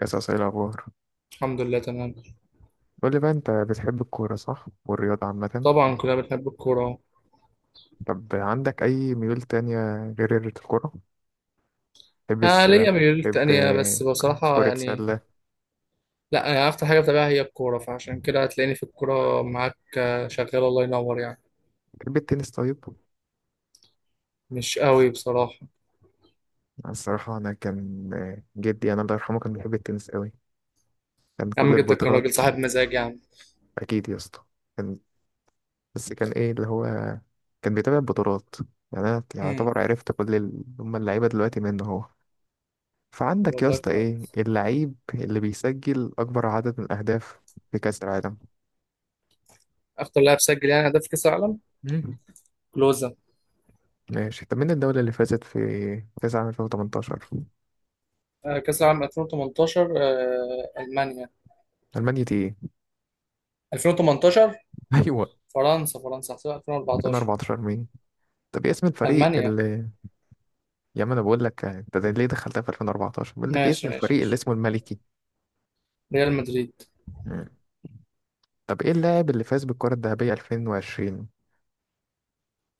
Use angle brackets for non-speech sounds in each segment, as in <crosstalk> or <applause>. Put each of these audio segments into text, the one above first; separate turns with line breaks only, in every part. قصص ايه الأخبار؟
الحمد لله تمام.
قول لي بقى، أنت بتحب الكورة صح والرياضة عامة؟
طبعا، كلنا بنحب الكورة اهو.
طب عندك أي ميول تانية غير الكورة؟ تحب
انا ليا
السباحة؟
ميول
تحب
تانية، بس بصراحة
كرة
يعني.
سلة؟
لا، انا اكتر حاجة بتابعها هي الكورة، فعشان كده هتلاقيني في الكورة معاك. شغال، الله ينور يعني.
تحب التنس؟ طيب.
مش قوي بصراحة.
أنا الصراحة أنا كان جدي أنا الله يرحمه كان بيحب التنس قوي، كان
يا
كل
عم، جدك كان راجل
البطولات.
صاحب مزاج يا عم.
أكيد يا اسطى. كان بس كان إيه اللي هو كان بيتابع البطولات. يعني أنا
امم.
يعتبر عرفت كل هما اللعيبة دلوقتي منه هو.
طب
فعندك يا
والله،
اسطى، إيه
كويس.
اللعيب اللي بيسجل أكبر عدد من الأهداف في كأس العالم؟
اكتر لاعب سجل يعني هدف في كأس العالم،
مم.
كلوزا.
ماشي. طب مين الدولة اللي فازت في كأس عام 2018؟
آه، كأس العالم 2018. المانيا.
ألمانيا؟ دي ايه.
2018.
<laughs> أيوة.
فرنسا، فرنسا هحسبها 2014.
2014 مين؟ طب ايه اسم الفريق
المانيا.
اللي... يا عم أنا بقول لك، أنت ده ليه دخلتها في 2014؟ بقول لك ايه اسم
ماشي، ماشي،
الفريق اللي
ماشي.
اسمه الملكي؟
ريال مدريد.
مم. طب ايه اللاعب اللي فاز بالكرة الذهبية 2020؟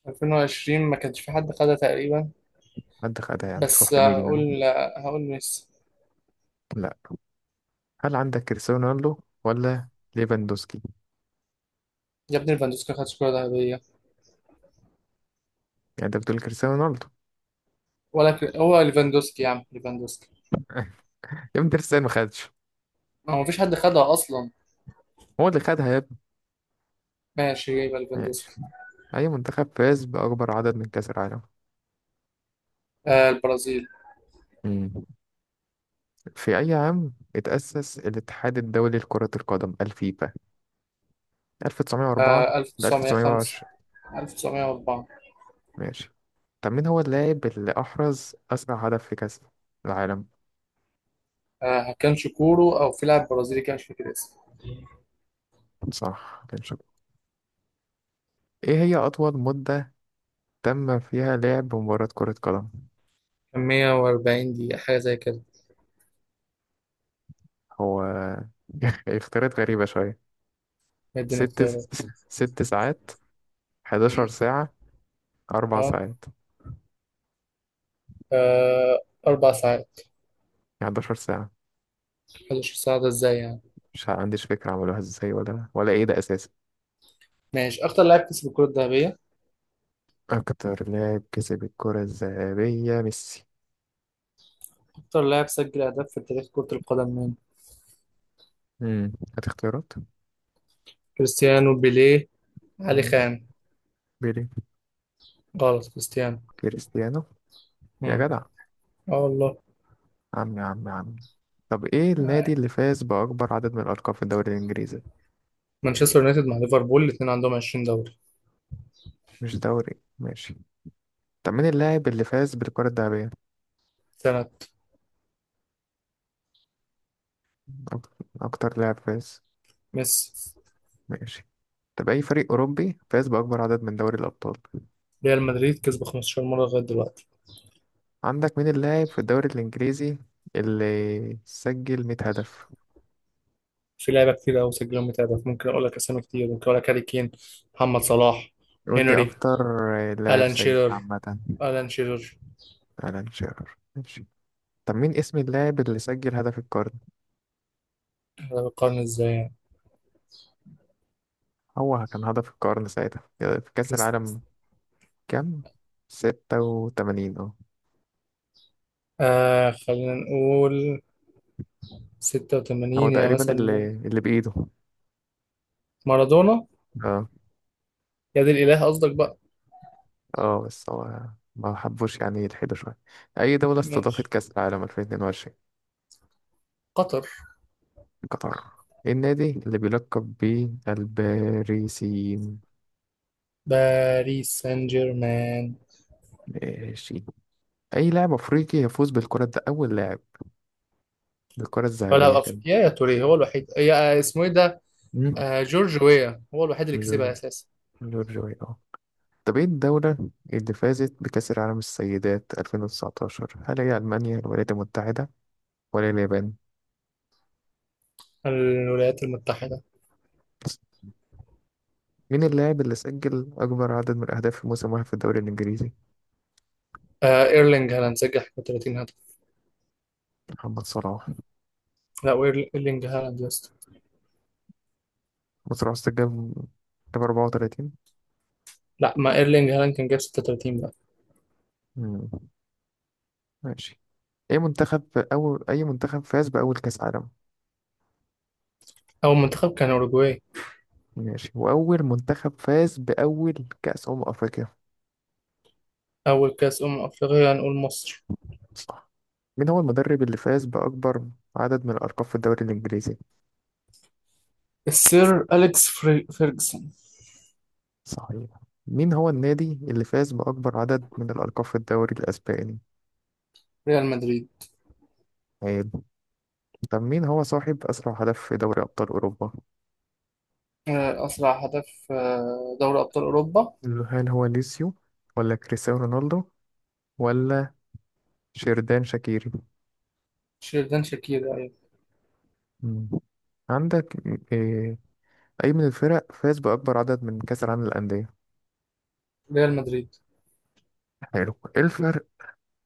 2020 ما كانش في حد خدها تقريبا،
حد خدها يعني،
بس
تروح لمين يعني؟
هقول ميسي.
لا. هل عندك كريستيانو رونالدو ولا ليفاندوسكي؟
يا ابني، ليفاندوسكي خد كرة ذهبية.
يعني أنت بتقول كريستيانو رونالدو؟
ولا هو ليفاندوسكي يا عم، ليفاندوسكي.
<laughs> يا ابني كريستيانو ما خدش،
هو مفيش حد خدها أصلا.
هو اللي خدها يا ابني.
ماشي، يبقى
ماشي.
ليفاندوسكي.
أي منتخب فاز بأكبر عدد من كأس العالم؟
آه، البرازيل.
مم. في أي عام اتأسس الاتحاد الدولي لكرة القدم الفيفا؟ 1904؟
آه،
ل
1905.
1920؟
1904.
ماشي. طب مين هو اللاعب اللي أحرز أسرع هدف في كأس العالم؟
آه، كان شكورو أو في لاعب برازيلي كان مش فاكر اسمه.
صح، كان شاطر. إيه هي أطول مدة تم فيها لعب مباراة كرة قدم؟
كان 140 دقيقة حاجة زي كده.
هو <laughs> اختيارات غريبة شوية.
مدينا
ست
اختيارات.
ست ساعات؟ 11
مم.
ساعة؟ أربع
اه.
ساعات؟
آه، 4 ساعات.
11 ساعة؟
11 ساعة ده ازاي يعني؟
مش عنديش فكرة، عملوها ازاي ولا ايه ده أساسا؟
ماشي، أكتر لاعب كسب الكرة الذهبية.
أكتر لاعب كسب الكرة الذهبية ميسي.
أكتر لاعب سجل أهداف في تاريخ كرة القدم مين؟
هات اختيارات.
كريستيانو، بيليه، علي
مم.
خان.
بيلي.
غلط، كريستيانو.
كريستيانو. يا
مم.
جدع!
اه والله.
عم، يا عم يا عم. طب ايه النادي
آه.
اللي فاز بأكبر عدد من الألقاب في الدوري الإنجليزي؟
مانشستر يونايتد مع ليفربول، الاثنين عندهم 20 دوري.
مش دوري. ماشي. طب مين اللاعب اللي فاز بالكرة الذهبية؟
سنة.
أك- أكتر لاعب فاز؟
ميسي.
ماشي. طب أي فريق أوروبي فاز بأكبر عدد من دوري الأبطال؟
ريال مدريد كسب 15 مرة لغاية دلوقتي.
عندك مين اللاعب في الدوري الإنجليزي اللي سجل 100 هدف؟
في لعيبة كتير قوي سجلهم، متابعة ممكن اقول لك اسامي كتير. ممكن اقول لك هاري كين، محمد صلاح،
قول لي
هنري،
أكتر لاعب
الان
سجل
شيرر،
عامة.
الان شيرر.
ألان شيرر. ماشي. طب مين اسم اللاعب اللي سجل هدف القرن؟
ده بيقارن ازاي يعني؟
هو كان هدف القرن ساعتها في كأس
كريست
العالم كام؟ 86، اه.
خلينا نقول
هو
86، يا
تقريبا
مثلا
اللي
ممكن.
اللي بإيده.
مارادونا.
اه،
يا دي الاله، قصدك بقى.
اه، بس هو ما حبوش يعني يلحدوا شوية. أي دولة استضافت
ماشي،
كأس العالم 2022؟
قطر.
قطر. إيه النادي اللي بيلقب بالباريسيين؟
باريس سان جيرمان.
ماشي. أي لاعب أفريقي يفوز بالكرة، ده أول لاعب بالكرة الذهبية
ولا
كده؟
افريقيا، يا توريه هو الوحيد، يا اسمه ايه ده؟
مم.
آه، جورج ويا هو الوحيد اللي كسبها
جورج.
اساسا.
جورج وي، اه. طب ايه الدولة اللي فازت بكأس العالم السيدات 2019؟ هل هي ألمانيا، الولايات المتحدة، ولا اليابان؟
الولايات المتحده.
مين اللاعب اللي سجل أكبر عدد من الأهداف في موسم واحد في الدوري الإنجليزي؟
آه، ايرلينج هالاند سجل 31 هدف.
محمد صلاح
لا، ايرلينج هالاند يا اسطى.
محمد صلاح سجل جاب 34.
لا، ما ايرلينج هالاند كان جاب 36 بقى.
مم. ماشي. أي منتخب فاز بأول كأس عالم؟
اول منتخب كان اوروجواي.
ماشي. وأول منتخب فاز بأول كأس أمم أفريقيا؟
اول كاس افريقيا هنقول مصر.
صح. مين هو المدرب اللي فاز بأكبر عدد من الألقاب في الدوري الإنجليزي؟
السير اليكس فيرجسون.
صحيح. مين هو النادي اللي فاز بأكبر عدد من الألقاب في الدوري الأسباني؟
ريال مدريد.
عيب. طب مين هو صاحب أسرع هدف في دوري أبطال أوروبا؟
آه، اسرع هدف، دوري ابطال اوروبا.
هل هو ليسيو، ولا كريستيانو رونالدو، ولا شيردان شاكيري؟
شيردان شاكير، ايوه.
مم. عندك إيه أي من الفرق فاز بأكبر عدد من كأس العالم للأندية؟
ريال مدريد.
حلو. إيه الفرق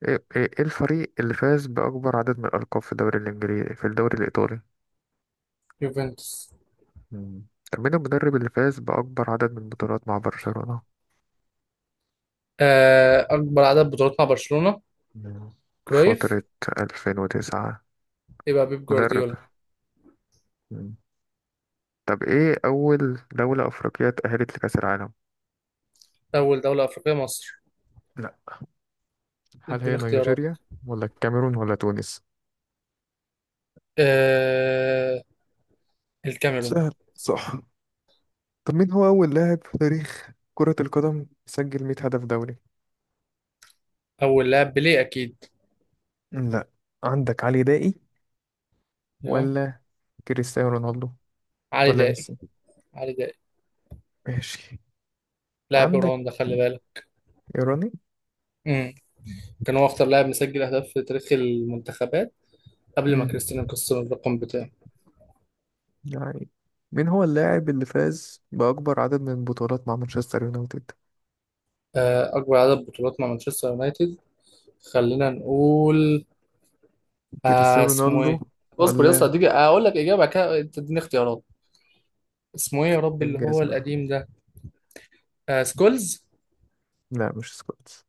إيه إيه إيه الفريق اللي فاز بأكبر عدد من الألقاب في الدوري الإنجليزي في الدوري الإيطالي؟
يوفنتوس.
مم. طب مين المدرب اللي فاز بأكبر عدد من البطولات مع برشلونة؟
آه، اكبر عدد بطولات مع برشلونه.
مم.
كرويف.
فترة 2009؟
يبقى بيب
مدرب.
جوارديولا.
مم. طب إيه أول دولة أفريقية اتأهلت لكأس العالم؟
أول دولة أفريقية مصر.
لا. هل هي
اديني اختيارات.
نيجيريا، ولا الكاميرون، ولا تونس؟
آه... الكاميرون.
سهل، صح. طب مين هو أول لاعب في تاريخ كرة القدم سجل 100 هدف دولي؟
أول لاعب بيليه أكيد.
لا. عندك علي دائي،
أيوه.
ولا كريستيانو رونالدو،
علي
ولا
دائي.
ميسي؟
علي دائي.
ماشي.
لاعب
عندك
رواندا، خلي بالك.
إيراني.
امم كان هو أكتر لاعب مسجل أهداف في تاريخ المنتخبات قبل ما
مم.
كريستيانو يكسر الرقم بتاعه.
يعني مين هو اللاعب اللي فاز بأكبر عدد من البطولات مع مانشستر يونايتد؟
أكبر عدد بطولات مع مانشستر يونايتد، خلينا نقول.
كريستيانو
اسمه
رونالدو،
إيه؟ اصبر يا
ولا...
اسطى، اديك اقول لك اجابه بعد كده انت تديني اختيارات. اسمه ايه يا ربي اللي هو
انجازنا.
القديم ده؟ سكولز.
لا، مش سكولز.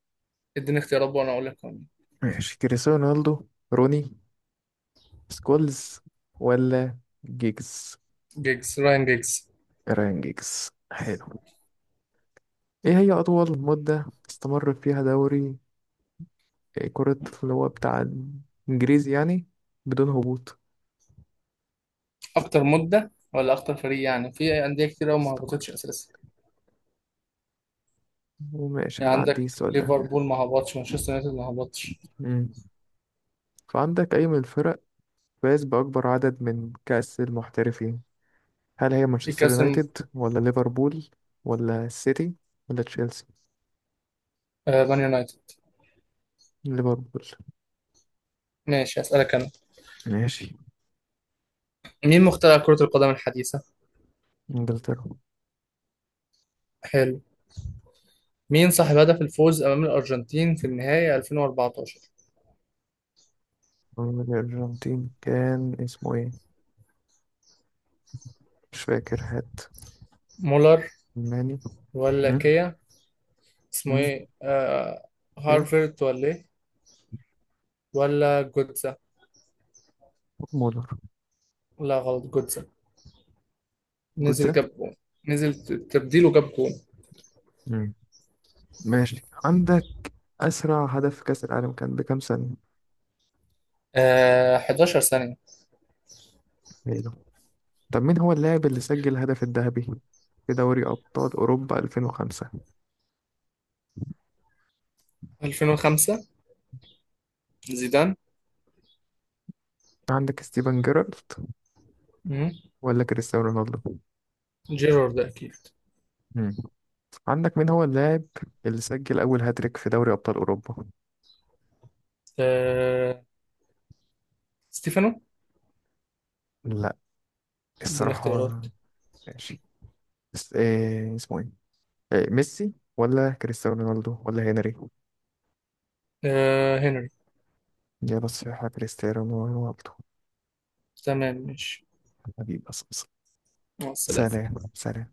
اديني اختيارات وانا اقول لك.
ماشي، كريستيانو رونالدو، روني، سكولز، ولا جيجز؟
جيجز، راين جيجز.
ران جيجز، حلو. ايه هي اطول مدة استمر فيها دوري كرة اللي هو بتاع انجليزي يعني بدون هبوط؟
اكتر مده ولا اكتر فريق يعني، في انديه كتير قوي ما
استمر.
هبطتش اساسا.
وماشي،
يعني
هنعدي
عندك
السؤال ده.
ليفربول ما هبطش، مانشستر يونايتد ما هبطش.
مم. فعندك، اي من الفرق فاز باكبر عدد من كأس المحترفين؟ هل هي
في
مانشستر
كاسم.
يونايتد، ولا ليفربول، ولا السيتي، ولا تشيلسي؟
آه، مان يونايتد.
ليفربول.
ماشي، اسالك انا.
ماشي.
مين مخترع كره القدم الحديثه؟
انجلترا.
حلو. مين صاحب هدف الفوز امام الارجنتين في النهائي 2014؟
الارجنتين كان اسمه ايه؟ مش فاكر، هات.
مولر.
ماني.
ولا
مم.
كيا. اسمه
مم.
ايه آه
اوكي.
هارفرد ولا ايه. ولا جوتزا.
مولر.
لا، غلط، جوتزا. نزل،
جوتزا.
جاب جون. نزل تبديله جاب جون.
مم. ماشي. عندك اسرع هدف في كاس العالم كان بكام سنه؟
آه، 11 ثانية.
ميلو. طب مين هو اللاعب اللي سجل الهدف الذهبي في دوري ابطال اوروبا 2005؟
2005. زيدان.
عندك ستيفن جيرارد،
مم.
ولا كريستيانو رونالدو؟
جيرارد أكيد.
مم. عندك مين هو اللاعب اللي سجل أول هاتريك في دوري أبطال أوروبا؟
آه... ستيفانو.
لا،
اديني
الصراحة.
اختيارات.
ماشي. إيه اسمه إيه؟ إيه، ميسي، ولا كريستيانو رونالدو، ولا هنري؟
هنري.
إجابة صحيحة: كريستيانو رونالدو.
تمام، ماشي.
حبيبي أصلا.
مع السلامة.
سلام سلام.